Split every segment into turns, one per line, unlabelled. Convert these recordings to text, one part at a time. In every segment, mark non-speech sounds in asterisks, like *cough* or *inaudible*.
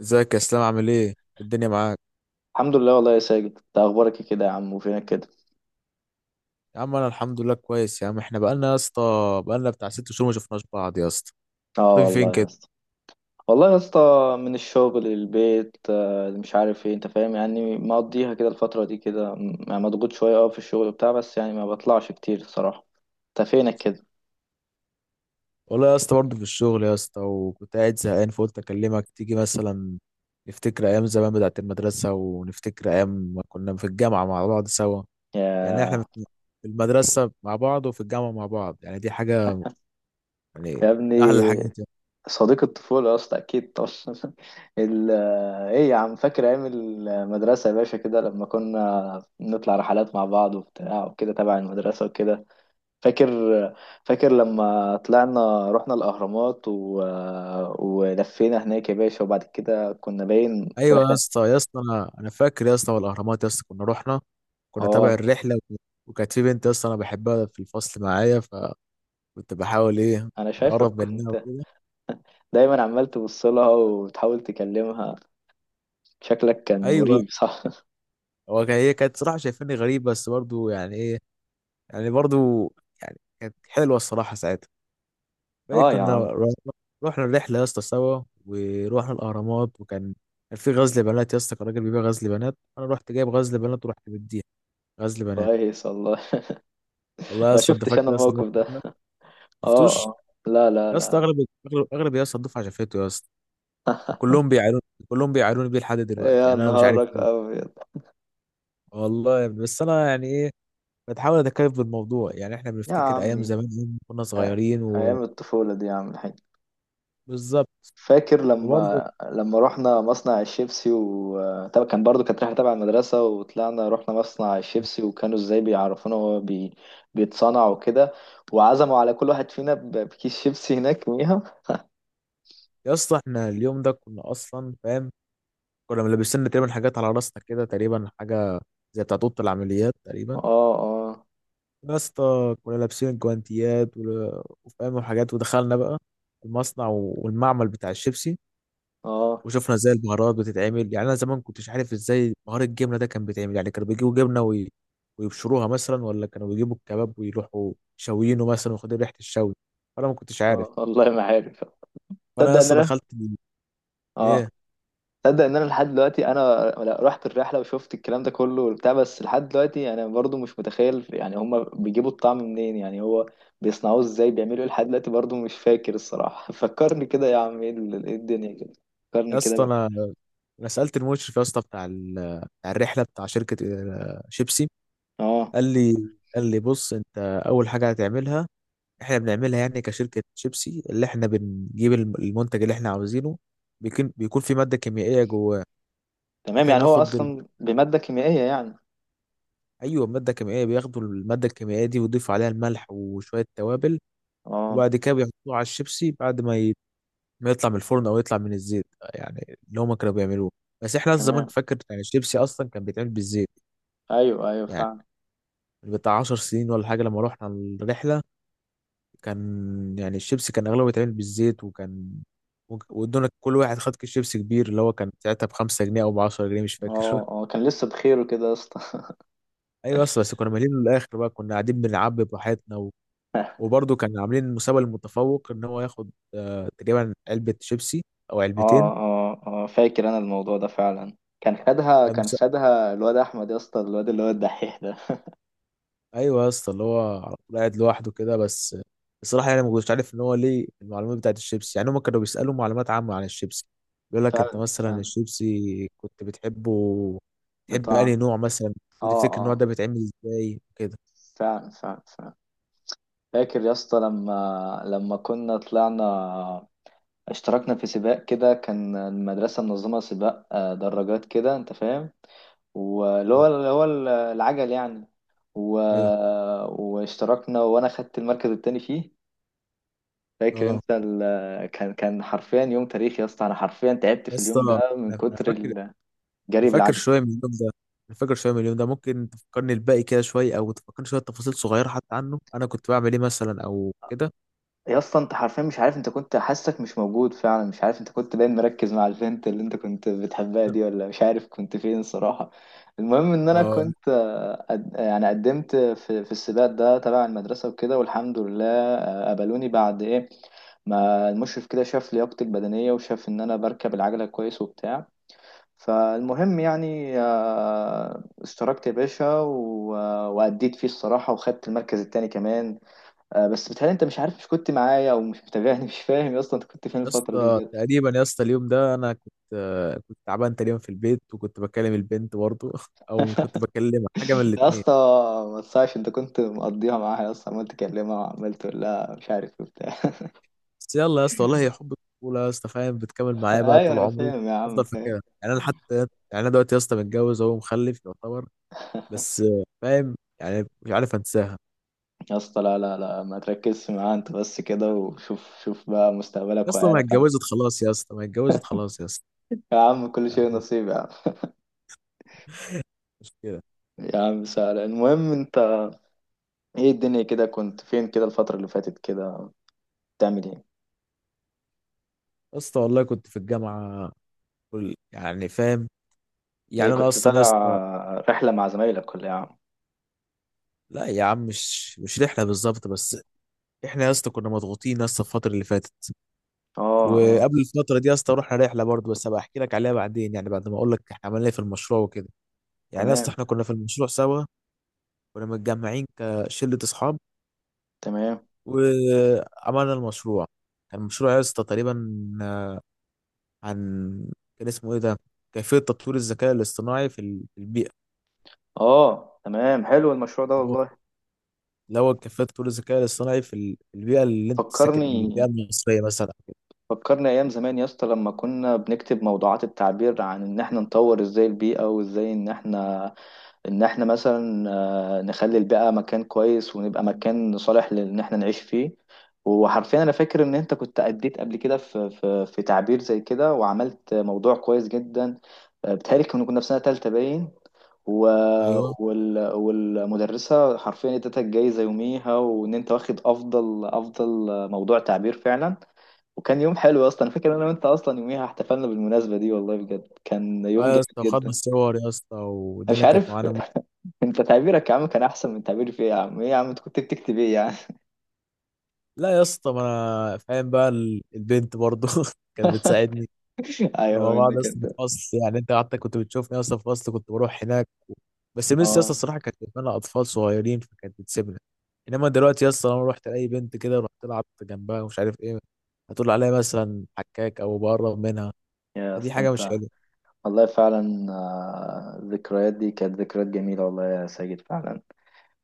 ازيك يا اسلام، عامل ايه؟ الدنيا معاك؟
الحمد لله والله يا ساجد، انت اخبارك إيه كده يا عم؟ وفينك كده؟
يا عم انا الحمد لله كويس يا عم. احنا بقالنا يا اسطى، بقالنا بتاع ست شهور ما شفناش بعض يا اسطى.
اه
مختفي فين
والله يا
كده؟
اسطى. والله يا اسطى، من الشغل للبيت، مش عارف ايه، انت فاهم، يعني مقضيها كده الفترة دي كده يعني مضغوط شوية، في الشغل بتاع، بس يعني ما بطلعش كتير الصراحة. انت فينك كده؟
والله يا اسطى برضه في الشغل يا اسطى، وكنت قاعد زهقان فقلت اكلمك تيجي مثلا. نفتكر ايام زمان بتاعت المدرسه، ونفتكر ايام ما كنا في الجامعه مع بعض سوا. يعني احنا
يا
في المدرسه مع بعض وفي الجامعه مع بعض، يعني دي حاجه يعني
يا ابني،
من احلى الحاجات.
صديق الطفولة يا اسطى اكيد طبعا. *laughs* ال... آه، ايه يا عم، فاكر ايام المدرسة يا باشا كده لما كنا نطلع رحلات مع بعض وبتاع وكده تبع المدرسة وكده؟ فاكر فاكر لما طلعنا رحنا الأهرامات ولفينا هناك يا باشا، وبعد كده كنا باين في
ايوه يا
رحلة.
اسطى، يا اسطى انا فاكر يا اسطى، والاهرامات يا اسطى كنا رحنا، كنا تابع
اه،
الرحله وكانت في بنت يا اسطى انا بحبها في الفصل معايا، فكنت بحاول ايه
أنا شايفك
اقرب منها
كنت
وكده.
دايما عمال تبصلها وتحاول تكلمها، شكلك كان
ايوه،
مريب صح؟
هي كانت صراحه شايفاني غريب، بس برضو يعني ايه، يعني برضو يعني كانت حلوه الصراحه ساعتها.
*laughs*
فايه
اه يا
كنا
عم.
رحنا الرحله يا اسطى سوا، ورحنا الاهرامات، وكان كان في غزل بنات يا اسطى، كان راجل بيبيع غزل بنات، انا رحت جايب غزل بنات ورحت مديها غزل بنات.
كويس والله.
والله
*laughs*
يا
ما
اسطى انت
شفتش أنا
فاكر اصلا
الموقف
الموقف
ده.
ده؟
اه،
شفتوش
اه. لا، لا،
يا اسطى؟
لا.
اغلب يا اسطى الدفعه شافته يا اسطى.
*laughs*
كلهم بيعانون كلهم بيعانوني بيه لحد دلوقتي،
يا
يعني انا مش عارف
نهارك
ليه.
أبيض.
والله يا ابني بس انا يعني ايه، بتحاول اتكيف بالموضوع، يعني احنا
يا
بنفتكر ايام
عمي،
زمان يوم كنا
أ-
صغيرين.
أيام الطفولة دي يا عم الحاج.
وبالظبط.
فاكر
وبرضه
لما رحنا مصنع الشيبسي؟ و طبعا كان برضو كانت رحلة تبع المدرسة، وطلعنا رحنا مصنع الشيبسي وكانوا ازاي بيعرفونا هو بيتصنع وكده، وعزموا على كل واحد فينا بكيس شيبسي هناك *laughs* يوميها.
يا اسطى احنا اليوم ده كنا اصلا فاهم، كنا ملبسين تقريبا حاجات على راسنا كده، تقريبا حاجه زي بتاعت اوضه العمليات تقريبا.
اه، اه،
يا اسطى كنا لابسين الجوانتيات وفاهم وحاجات، ودخلنا بقى المصنع والمعمل بتاع الشيبسي،
اه.
وشفنا ازاي البهارات بتتعمل. يعني انا زمان كنتش عارف ازاي بهار الجبنه ده كان بيتعمل، يعني كانوا بيجيبوا جبنه ويبشروها مثلا، ولا كانوا بيجيبوا الكباب ويروحوا شاويينه مثلا وياخدوا ريحه الشوي، فانا ما كنتش عارف.
اه والله ما عارف.
فانا يا
تصدق ان
اسطى
انا،
دخلت
اه،
ايه
تصدق ان انا لحد دلوقتي انا، لا، رحت الرحله وشفت الكلام ده كله وبتاع، بس لحد دلوقتي انا برضو مش متخيل يعني هما بيجيبوا الطعم منين، يعني هو بيصنعوه ازاي، بيعملوا ايه؟ لحد دلوقتي برضو مش فاكر الصراحه. *laughs* فكرني كده يا عم، إيه الدنيا كده. فكرني
يا اسطى
كده.
انا سالت المشرف يا اسطى بتاع بتاع الرحله بتاع شركه شيبسي.
اه
قال لي قال لي بص انت اول حاجه هتعملها، احنا بنعملها يعني كشركه شيبسي، اللي احنا بنجيب المنتج اللي احنا عاوزينه، بيكون في ماده كيميائيه جواه.
تمام،
احنا
يعني هو
بناخد،
اصلا بماده كيميائيه يعني.
ايوه، ماده كيميائيه، بياخدوا الماده الكيميائيه دي ويضيفوا عليها الملح وشويه توابل،
اه
وبعد كده بيحطوه على الشيبسي بعد ما يطلع من الفرن او يطلع من الزيت، يعني اللي هما كانوا بيعملوه. بس احنا زمان
تمام.
فاكر يعني الشيبسي اصلا كان بيتعمل بالزيت،
ايوه، ايوه،
يعني
فعلا.
بتاع 10 سنين ولا حاجه لما رحنا الرحله، كان يعني الشيبسي كان اغلبه بيتعمل بالزيت. وكان وادونا كل واحد خد كيس شيبسي كبير، اللي هو كان ساعتها ب 5 جنيه او ب 10 جنيه مش فاكر.
اه اه، كان لسه بخير كده يا اسطى.
*laughs* ايوه، بس بس كنا مالين للاخر بقى، كنا قاعدين بنعبي براحتنا. وبرضه كان عاملين المسابقة للمتفوق ان هو ياخد تقريبا علبة شيبسي او
*laughs*
علبتين.
اه اه اه، فاكر انا الموضوع ده فعلا، كان خدها
كان
كان
مس...
خدها الواد احمد يا اسطى، الواد اللي هو الدحيح ده.
ايوه يا اسطى اللي هو على طول قاعد لوحده كده. بس الصراحة يعني ما كنتش عارف ان هو ليه المعلومات بتاعت الشيبسي، يعني هم كانوا بيسألوا معلومات عامة عن الشيبسي، بيقول لك انت
فعلا
مثلا
فعلا.
الشيبسي كنت بتحبه؟ تحب انهي
بطعم.
نوع مثلا؟
اه
وتفتكر النوع
اه.
ده بيتعمل ازاي كده؟
فعلا فعلا فعلا. فاكر يا اسطى لما كنا طلعنا، اشتركنا في سباق كده، كان المدرسة منظمة سباق دراجات كده انت فاهم، واللي
اه.
هو اللي هو العجل يعني، و...
ايوه.
واشتركنا وانا خدت المركز التاني فيه. فاكر
اه
انت كان حرفيا يوم تاريخي يا اسطى، انا حرفيا تعبت
يا
في
اسطى
اليوم
انا
ده من كتر
فاكر.
الجري
أنا فاكر
بالعجل.
شوية من اليوم ده أنا فاكر شوية من اليوم ده، ممكن تفكرني الباقي كده شوية أو تفكرني شوية تفاصيل صغيرة حتى عنه، أنا كنت بعمل إيه مثلا أو كده؟
يا اسطى، انت حرفيا مش عارف، انت كنت حاسك مش موجود فعلا، مش عارف انت كنت باين مركز مع البنت اللي انت كنت بتحبها دي،
*laughs*
ولا مش عارف كنت فين صراحة. المهم ان انا
آه
كنت، يعني قدمت في السباق ده تبع المدرسة وكده، والحمد لله قبلوني بعد ايه ما المشرف كده شاف لياقتي البدنية وشاف إن أنا بركب العجلة كويس وبتاع. فالمهم يعني اشتركت يا باشا وأديت فيه الصراحة، وخدت المركز التاني كمان. بس بتهيألي انت مش عارف، مش كنت معايا او مش متابعني، مش فاهم يا اسطى انت كنت فين
يا
الفتره دي
اسطى،
بجد.
تقريبا يا اسطى اليوم ده أنا كنت كنت تعبان تقريبا في البيت، وكنت بكلم البنت برضه، *laughs* أو كنت بكلمها، حاجة من
يا
الاتنين.
اسطى ما تصحش، انت كنت مقضيها معاها يا اسطى، عمال تكلمها وعمال تقول لها مش عارف وبتاع.
بس يلا يا اسطى والله هي حب الطفولة يا اسطى، فاهم بتكمل
*laughs*
معايا بقى
ايوه،
طول
انا
عمري.
فاهم يا عم،
أفضل
فاهم.
فاكرها يعني، أنا حتى يعني أنا دلوقتي يا اسطى متجوز أهو ومخلف يعتبر، بس فاهم يعني مش عارف أنساها.
يا اسطى، لا، لا، لا، ما تركزش معاها انت بس كده، وشوف شوف بقى
يا
مستقبلك
اسطى ما
وعيالك يا عم.
اتجوزت خلاص يا اسطى، ما اتجوزت خلاص يا اسطى،
يا عم كل شيء
يعني
نصيب يا عم.
مش كده؟
يا عم سهل، المهم انت ايه الدنيا كده؟ كنت فين كده الفتره اللي فاتت كده؟ بتعمل ايه؟
يا اسطى والله كنت في الجامعه، يعني فاهم،
ايه
يعني انا
كنت
اصلا يا اسطى.
طالع رحله مع زمايلك ولا إيه يا عم؟
لا يا عم، مش رحله بالظبط، بس احنا يا اسطى كنا مضغوطين يا اسطى الفتره اللي فاتت،
اه، اه،
وقبل الفتره دي يا اسطى رحنا رحله برضه، بس هبقى احكي لك عليها بعدين، يعني بعد ما اقول لك احنا عملنا ايه في المشروع وكده. يعني يا اسطى
تمام
احنا كنا في المشروع سوا، كنا متجمعين كشله اصحاب،
تمام.
وعملنا المشروع. كان المشروع يا اسطى تقريبا عن، كان اسمه ايه ده، كيفية تطوير الذكاء الاصطناعي في في البيئة.
اه تمام، حلو المشروع ده
الأول،
والله.
الأول كيفية تطوير الذكاء الاصطناعي في في البيئة اللي أنت ساكن، البيئة
فكرني
المصرية مثلا كده.
فكرني ايام زمان يا اسطى، لما كنا بنكتب موضوعات التعبير عن ان احنا نطور ازاي البيئة، وازاي ان احنا مثلا نخلي البيئة مكان كويس، ونبقى مكان صالح لان احنا نعيش فيه. وحرفيا انا فاكر ان انت كنت اديت قبل كده في تعبير زي كده، وعملت موضوع كويس جدا. بتهيألي كنا في سنة تالتة باين. و...
أيوه.
والمدرسة حرفيا ادتها الجايزة يوميها، وان انت واخد افضل افضل موضوع تعبير فعلا. وكان يوم حلو اصلا، أنا فاكر إن انا وانت اصلا يوميها احتفلنا بالمناسبة دي، والله بجد كان
أه
يوم
يا
جامد
اسطى
جدا
وخدنا
انا
الصور يا اسطى،
مش
والدنيا كانت
عارف.
معانا
*laughs* انت تعبيرك يا عم كان احسن من تعبيري في ايه يا عم؟ ايه يا عم انت كنت بتكتب ايه يعني؟
لا يا اسطى ما أنا فاهم بقى البنت برضه *laughs* كانت بتساعدني.
*laughs*
كنا
ايوه
مع بعض يا
منك
اسطى في
انت.
الفصل، يعني أنت قعدت كنت بتشوفني يا اسطى في الفصل كنت بروح هناك. بس ميس يا اسطى
اه
الصراحه كانت بتتمنى اطفال صغيرين، فكانت بتسيبنا. انما دلوقتي يا اسطى لما رحت لاي بنت كده، رحت لعبت جنبها ومش عارف ايه، هتقول عليها مثلا حكاك او بقرب منها،
يا
دي
اسطى
حاجه مش
انت،
حلوه.
والله فعلا الذكريات دي كانت ذكريات جميلة، والله يا ساجد فعلا.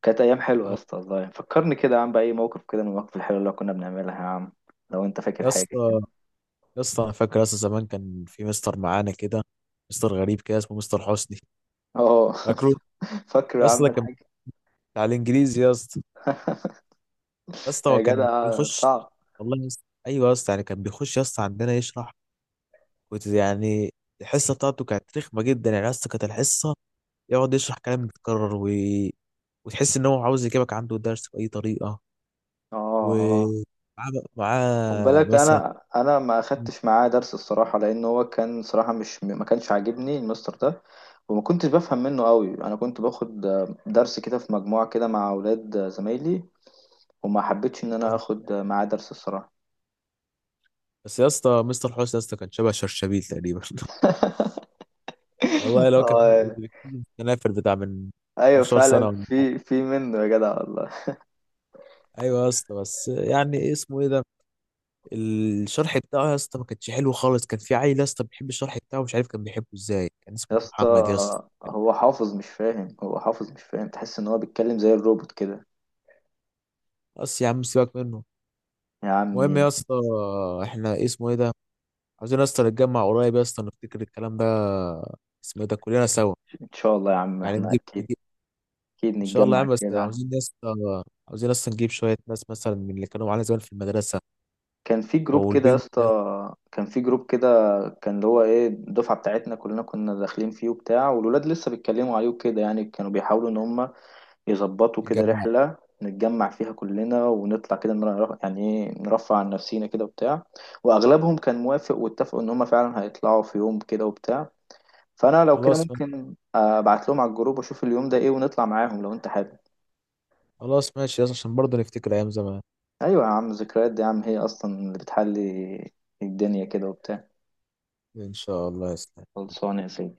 كانت ايام حلوه يا
اه
اسطى والله. فكرني كده يا عم باي موقف كده من المواقف الحلوه اللي كنا بنعملها يا عم، لو انت فاكر
يا
حاجه
اسطى،
كده.
يا اسطى انا فاكر يا اسطى زمان كان في مستر معانا كده، مستر غريب كده اسمه مستر حسني،
اه. *laughs*
فاكره؟
فاكر يا
يا اسطى
عم
ده كان
الحاج.
بتاع الانجليزي يا اسطى. يا اسطى
يا
هو كان
جدع
بيخش،
صعب.
والله يا اسطى ايوه يا اسطى، يعني كان بيخش يا اسطى عندنا يشرح، كنت يعني الحصه بتاعته كانت رخمه جدا، يعني يا اسطى كانت الحصه يقعد يشرح كلام متكرر، و... وتحس ان هو عاوز يجيبك عنده درس باي طريقه.
اه، اه.
ومعاه
خد
معاه
بالك
مثلا.
انا ما اخدتش معاه درس الصراحه، لان هو كان صراحه، مش ما كانش عاجبني المستر ده. وما كنتش بفهم منه قوي، انا كنت باخد درس كده في مجموعه كده مع اولاد زمايلي، وما حبيتش ان انا
*laughs*
اخد معاه درس الصراحه.
بس يا اسطى مستر حسني يا اسطى كان شبه شرشبيل تقريبا. *laughs* والله
*laughs*
لو كان
اه
الكنافر بتاع من
ايوه،
15
فعلا
سنه ولا حاجه.
في منه يا جدع والله.
ايوه يا اسطى، بس يعني إيه اسمه ايه ده، الشرح بتاعه يا اسطى ما كانش حلو خالص. كان في عيل يا اسطى بيحب الشرح بتاعه، مش عارف كان بيحبه ازاي، كان
يا
اسمه
اسطى
محمد يا اسطى.
هو حافظ مش فاهم، هو حافظ مش فاهم، تحس ان هو بيتكلم زي الروبوت كده.
بس يا عم سيبك منه.
يا
المهم
عمي،
يا اسطى احنا إيه اسمه ايه ده، عاوزين يا اسطى نتجمع قريب يا اسطى، نفتكر الكلام ده اسمه إيه ده كلنا سوا،
ان شاء الله يا عم
يعني
احنا
نجيب
اكيد.
نجيب
اكيد
ان شاء الله يا
نتجمع
عم، بس
كده.
عاوزين يا اسطى عاوزين اصلا نجيب شويه ناس مثلا من اللي كانوا معانا زمان في المدرسه،
كان في
او
جروب كده يا
البنت ده،
اسطى، كان في جروب كده، كان اللي هو ايه الدفعه بتاعتنا كلنا كنا داخلين فيه وبتاع، والولاد لسه بيتكلموا عليه وكده، يعني كانوا بيحاولوا ان هم يظبطوا كده
يتجمع.
رحله نتجمع فيها كلنا، ونطلع كده يعني ايه، نرفع عن نفسينا كده وبتاع. واغلبهم كان موافق، واتفقوا ان هم فعلا هيطلعوا في يوم كده وبتاع. فانا لو كده
خلاص ماشي.
ممكن ابعت لهم على الجروب، واشوف اليوم ده ايه، ونطلع معاهم لو انت حابب.
خلاص ماشي يا اسطى عشان برضه نفتكر ايام زمان.
ايوه يا عم، ذكريات دي يا عم هي اصلا اللي بتحلي الدنيا كده وبتاع.
ان شاء الله يا اسطى.
خلصانه يا سيدي.